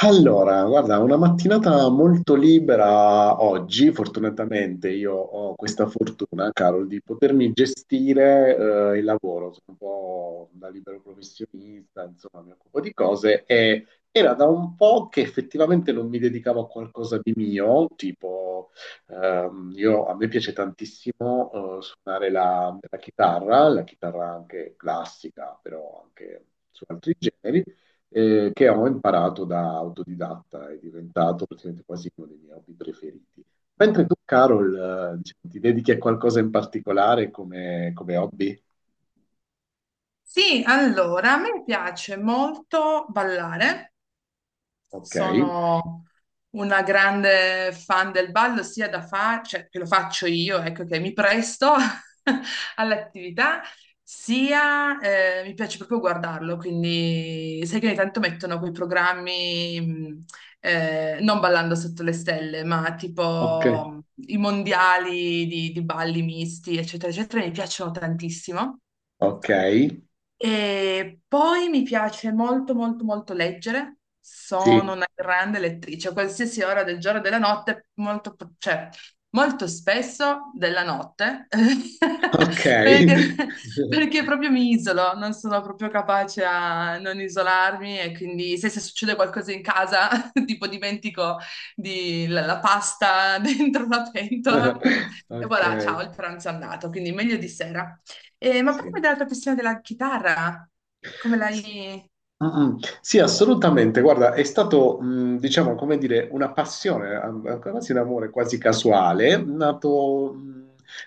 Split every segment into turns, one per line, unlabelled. Allora, guarda, una mattinata molto libera oggi, fortunatamente io ho questa fortuna, Carol, di potermi gestire il lavoro, sono un po' da libero professionista, insomma, mi occupo di cose e era da un po' che effettivamente non mi dedicavo a qualcosa di mio, tipo a me piace tantissimo suonare la chitarra, la chitarra anche classica, però anche su altri generi che ho imparato da autodidatta, è diventato praticamente quasi uno dei miei hobby preferiti. Mentre tu, Carol, diciamo, ti dedichi a qualcosa in particolare come hobby?
Sì, allora, a me piace molto ballare.
Ok,
Sono una grande fan del ballo, sia cioè, che lo faccio io, ecco che mi presto all'attività, sia mi piace proprio guardarlo, quindi sai che ogni tanto mettono quei programmi, non ballando sotto le stelle, ma
ok,
tipo i mondiali di balli misti, eccetera, eccetera, mi piacciono tantissimo.
ok,
E poi mi piace molto, molto, molto leggere. Sono
sì,
una grande lettrice, a qualsiasi ora del giorno e della notte, molto, cioè, molto spesso della notte,
ok,
perché, perché proprio mi isolo, non sono proprio capace a non isolarmi e quindi se succede qualcosa in casa, tipo dimentico la pasta dentro la pentola, e
ok,
voilà, ciao, il pranzo è andato, quindi meglio di sera. Ma parlami
sì.
della tua passione della chitarra, come l'hai.
Mm, mm. Sì, assolutamente. Guarda, è stato, diciamo, come dire, una passione, quasi un amore quasi casuale, nato.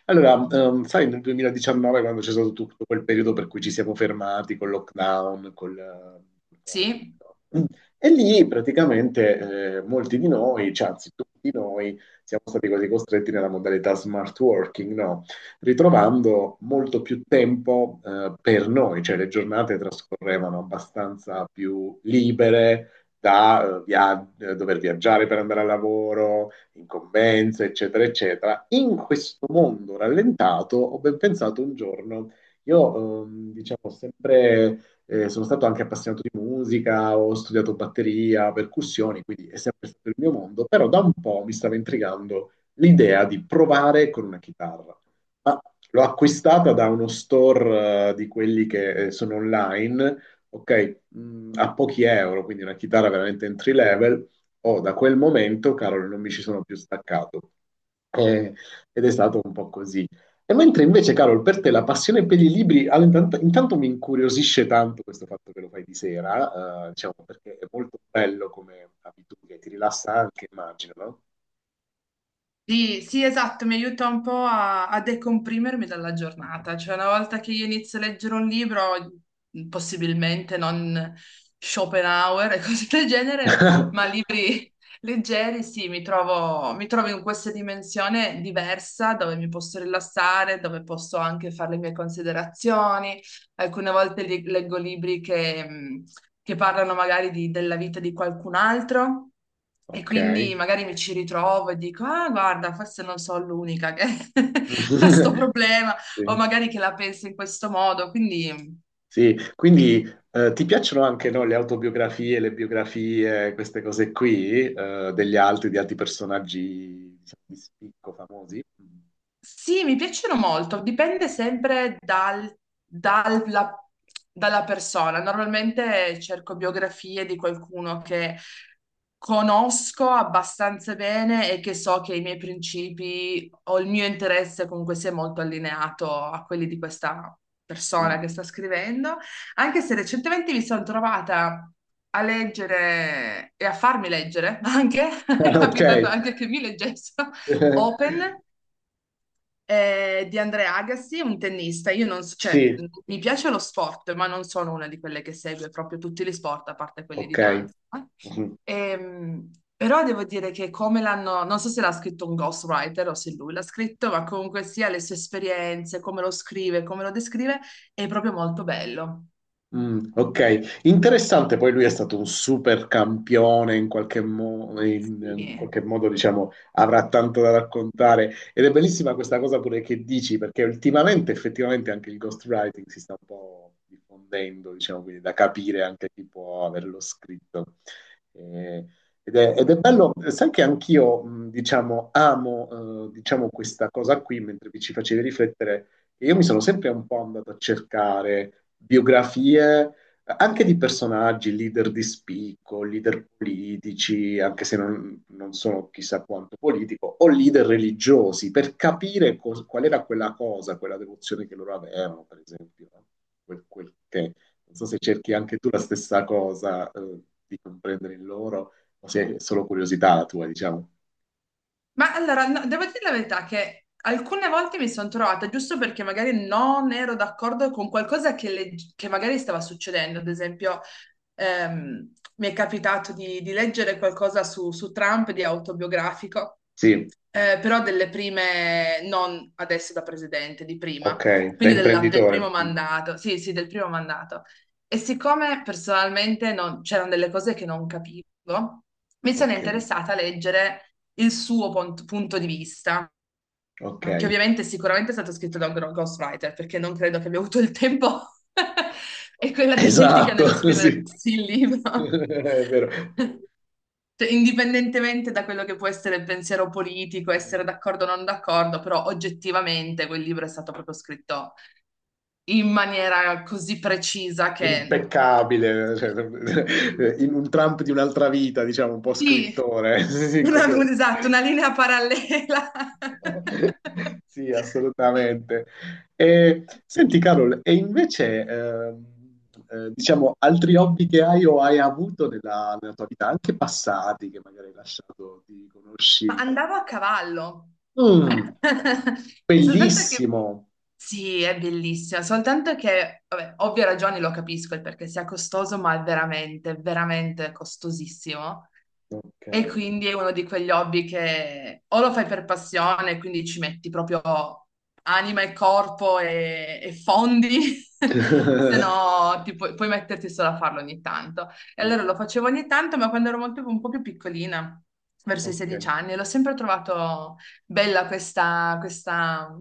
Allora, sai, nel 2019, quando c'è stato tutto quel periodo per cui ci siamo fermati col lockdown, Covid,
Sì,
no? Mm. E lì praticamente molti di noi, cioè, anzi tutti noi, siamo stati quasi costretti nella modalità smart working, no? Ritrovando molto più tempo per noi, cioè le giornate trascorrevano abbastanza più libere da dover viaggiare per andare al lavoro, incombenze, eccetera, eccetera. In questo mondo rallentato ho ben pensato un giorno, io diciamo sempre sono stato anche appassionato di musica, ho studiato batteria, percussioni, quindi è sempre stato il mio mondo, però da un po' mi stava intrigando l'idea di provare con una chitarra. Ah, l'ho acquistata da uno store, di quelli che sono online, ok, a pochi euro, quindi una chitarra veramente entry level. Oh, da quel momento, Carol, non mi ci sono più staccato. Eh, ed è stato un po' così. E mentre invece, Carol, per te la passione per i libri, allora, intanto mi incuriosisce tanto questo fatto che lo fai di sera, diciamo, perché è molto bello come abitudine, ti rilassa anche, immagino, no?
sì, sì, esatto, mi aiuta un po' a decomprimermi dalla giornata, cioè una volta che io inizio a leggere un libro, possibilmente non Schopenhauer e cose del genere, ma libri leggeri, sì, mi trovo in questa dimensione diversa dove mi posso rilassare, dove posso anche fare le mie considerazioni. Alcune volte leggo libri che parlano magari della vita di qualcun altro e
Ok.
quindi magari mi ci ritrovo e dico, ah, guarda, forse non sono l'unica che ha sto problema o
Sì.
magari che la pensa in questo modo, quindi.
Sì, quindi ti piacciono anche no, le autobiografie, le biografie, queste cose qui, degli altri, di altri personaggi diciamo, di spicco famosi?
Sì, mi piacciono molto, dipende sempre dalla, dalla persona. Normalmente cerco biografie di qualcuno che conosco abbastanza bene e che so che i miei principi o il mio interesse comunque sia molto allineato a quelli di questa persona
Mm.
che sta scrivendo, anche se recentemente mi sono trovata a leggere e a farmi leggere anche, è capitato
Ok,
anche che mi leggessero Open di Andrea Agassi, un tennista. Io non so, cioè,
sì,
mi piace lo sport, ma non sono una di quelle che segue proprio tutti gli sport, a parte quelli
ok.
di danza, no? Ehm, però devo dire che come l'hanno, non so se l'ha scritto un ghostwriter o se lui l'ha scritto, ma comunque sia le sue esperienze, come lo scrive, come lo descrive, è proprio molto bello.
Mm, ok, interessante, poi lui è stato un super campione in qualche, in qualche
Sì.
modo, diciamo, avrà tanto da raccontare ed è bellissima questa cosa pure che dici, perché ultimamente effettivamente anche il ghostwriting si sta un po' diffondendo, diciamo, quindi da capire anche chi può averlo scritto. Eh, ed è bello, sai che anch'io, diciamo, amo, diciamo, questa cosa qui, mentre vi ci facevi riflettere e io mi sono sempre un po' andato a cercare biografie anche di personaggi, leader di spicco, leader politici, anche se non sono chissà quanto politico, o leader religiosi, per capire qual era quella cosa, quella devozione che loro avevano, per esempio. No? Quel che, non so se cerchi anche tu la stessa cosa, di comprendere in loro, o se è solo curiosità la tua, diciamo.
Ma allora, no, devo dire la verità che alcune volte mi sono trovata, giusto perché magari non ero d'accordo con qualcosa che, che magari stava succedendo, ad esempio, mi è capitato di leggere qualcosa su Trump di autobiografico.
Sì,
Però delle prime, non adesso da presidente, di prima,
ok, da
quindi del
imprenditore.
primo
Mm,
mandato, sì, sì, del primo mandato. E siccome personalmente c'erano delle cose che non capivo, mi sono
ok,
interessata a leggere il suo punto di vista,
ok.
che ovviamente sicuramente è stato scritto da un ghostwriter, perché non credo che abbia avuto il tempo e quella dialettica
Esatto,
nello scrivere
sì.
il libro.
È vero.
Cioè, indipendentemente da quello che può essere il pensiero politico, essere d'accordo o non d'accordo, però oggettivamente quel libro è stato proprio scritto in maniera così precisa che
Impeccabile, cioè, in un Trump di un'altra vita, diciamo, un po'
sì,
scrittore. Sì, in qualche modo.
esatto, una linea parallela.
Sì, assolutamente. E, senti, Carol, e invece, diciamo, altri hobby che hai o hai avuto nella tua vita, anche passati, che magari hai lasciato di
Ma
conosci?
andavo a cavallo.
Mm,
Soltanto che
Bellissimo.
sì, è bellissima, soltanto che, vabbè, ovvie ragioni lo capisco, il perché sia costoso, ma è veramente, veramente costosissimo.
Ok.
E quindi è uno di quegli hobby che o lo fai per passione, quindi ci metti proprio anima e corpo e fondi, se no ti puoi, puoi metterti solo a farlo ogni tanto. E allora
Mm,
lo facevo ogni tanto, ma quando ero molto, un po' più piccolina, verso i
ok,
16 anni, l'ho sempre trovato bella questa, questa,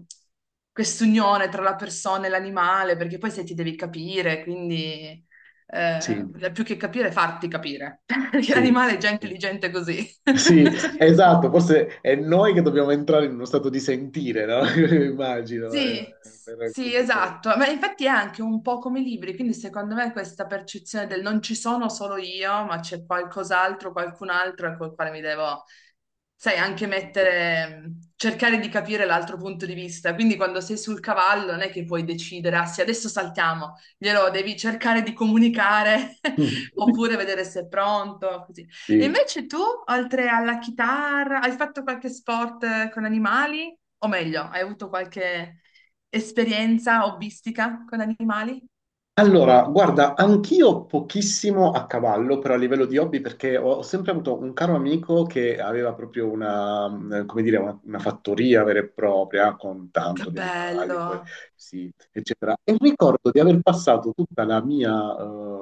quest'unione tra la persona e l'animale, perché poi se ti devi capire, quindi
sì,
più che capire, farti capire, perché
sì,
l'animale è già
sì,
intelligente così.
sì, esatto, forse è noi che dobbiamo entrare in uno stato di sentire, no? Immagino,
Sì,
per
sì,
raccontare.
esatto, ma infatti è anche un po' come i libri, quindi secondo me questa percezione del non ci sono solo io, ma c'è qualcos'altro, qualcun altro col quale mi devo, sai, anche
Concordo.
mettere, cercare di capire l'altro punto di vista. Quindi quando sei sul cavallo non è che puoi decidere, ah sì, adesso saltiamo, glielo devi cercare di comunicare oppure vedere se è pronto, così. E
Sì,
invece tu, oltre alla chitarra, hai fatto qualche sport con animali? O meglio, hai avuto qualche esperienza hobbistica con animali?
allora, guarda, anch'io pochissimo a cavallo, però a livello di hobby, perché ho sempre avuto un caro amico che aveva proprio una, come dire, una fattoria vera e propria con
Che
tanto di animali,
bello!
sì, eccetera. E ricordo di aver passato tutta la mia,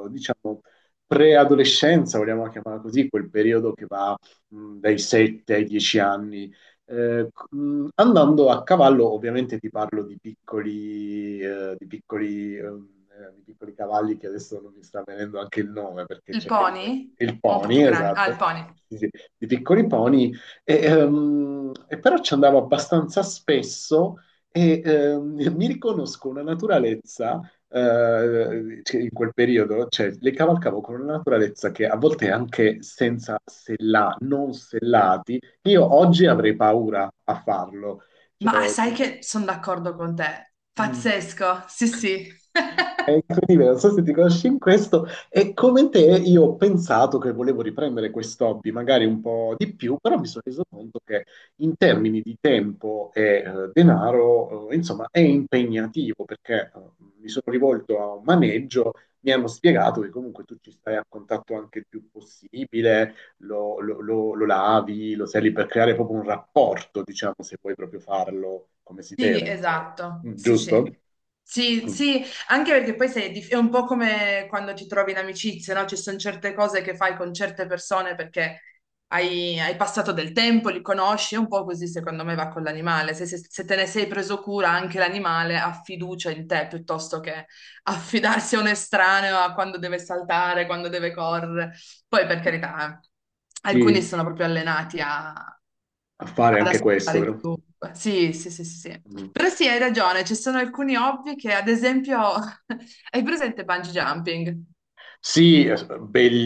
diciamo, preadolescenza, vogliamo chiamarla così, quel periodo che va, dai 7 ai 10 anni andando a cavallo, ovviamente ti parlo di piccoli cavalli che adesso non mi sta venendo anche il nome perché
Il
c'è
pony?
il
O un po' più
pony,
grande? Ah,
esatto,
il pony.
sì, sì, di piccoli pony, e però ci andavo abbastanza spesso e mi riconosco una naturalezza cioè, in quel periodo, cioè le cavalcavo con una naturalezza che a volte anche senza sella, non sellati, io oggi avrei paura a farlo.
Ma
Cioè,
sai che sono d'accordo con te.
mm.
Pazzesco, sì, sì.
E quindi non so se ti conosci in questo, e come te io ho pensato che volevo riprendere questo hobby, magari un po' di più, però mi sono reso conto che in termini di tempo e denaro, insomma, è impegnativo perché mi sono rivolto a un maneggio, mi hanno spiegato che comunque tu ci stai a contatto anche il più possibile, lo lavi, lo sali per creare proprio un rapporto, diciamo, se vuoi proprio farlo come si
Sì,
deve, insomma.
esatto, sì,
Giusto?
sì. Sì,
Mm.
sì, anche perché poi sei è un po' come quando ti trovi in amicizia, no? Ci sono certe cose che fai con certe persone perché hai passato del tempo, li conosci, è un po' così secondo me va con l'animale. Se te ne sei preso cura, anche l'animale ha fiducia in te piuttosto che affidarsi a un estraneo a quando deve saltare, quando deve correre. Poi, per carità, alcuni
Sì,
sono proprio allenati
a fare
ad
anche questo,
ascoltare
però.
chiunque. Sì, sì, sì, sì, sì.
Mm.
Però sì, hai ragione, ci sono alcuni hobby che, ad esempio, hai presente bungee jumping?
Sì,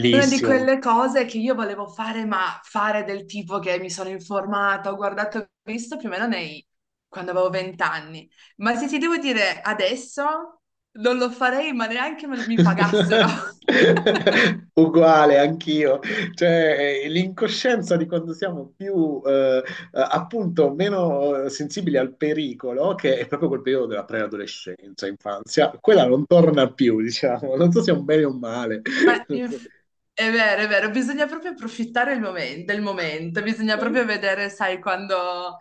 È una di quelle cose che io volevo fare, ma fare del tipo che mi sono informata, ho guardato e visto più o meno nei quando avevo 20 anni. Ma se ti devo dire adesso, non lo farei, ma neanche mi pagassero.
Uguale, anch'io. Cioè, l'incoscienza di quando siamo più, appunto, meno sensibili al pericolo, che è proprio quel periodo della preadolescenza, infanzia, quella non torna più, diciamo. Non so se è un bene o un male.
Ma è vero, bisogna proprio approfittare il del momento, bisogna
Non so.
proprio vedere, sai, quando,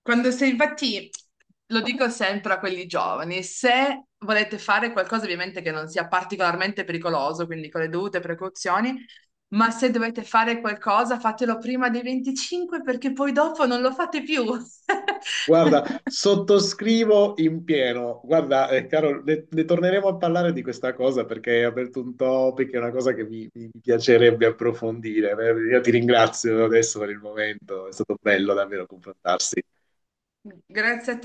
quando sei, infatti, lo dico sempre a quelli giovani, se volete fare qualcosa ovviamente che non sia particolarmente pericoloso, quindi con le dovute precauzioni, ma se dovete fare qualcosa, fatelo prima dei 25 perché poi dopo non lo fate più.
Guarda, sottoscrivo in pieno. Guarda, caro, ne torneremo a parlare di questa cosa perché hai aperto un topic, è una cosa che mi piacerebbe approfondire. Io ti ringrazio adesso per il momento, è stato bello davvero confrontarsi.
Grazie a te.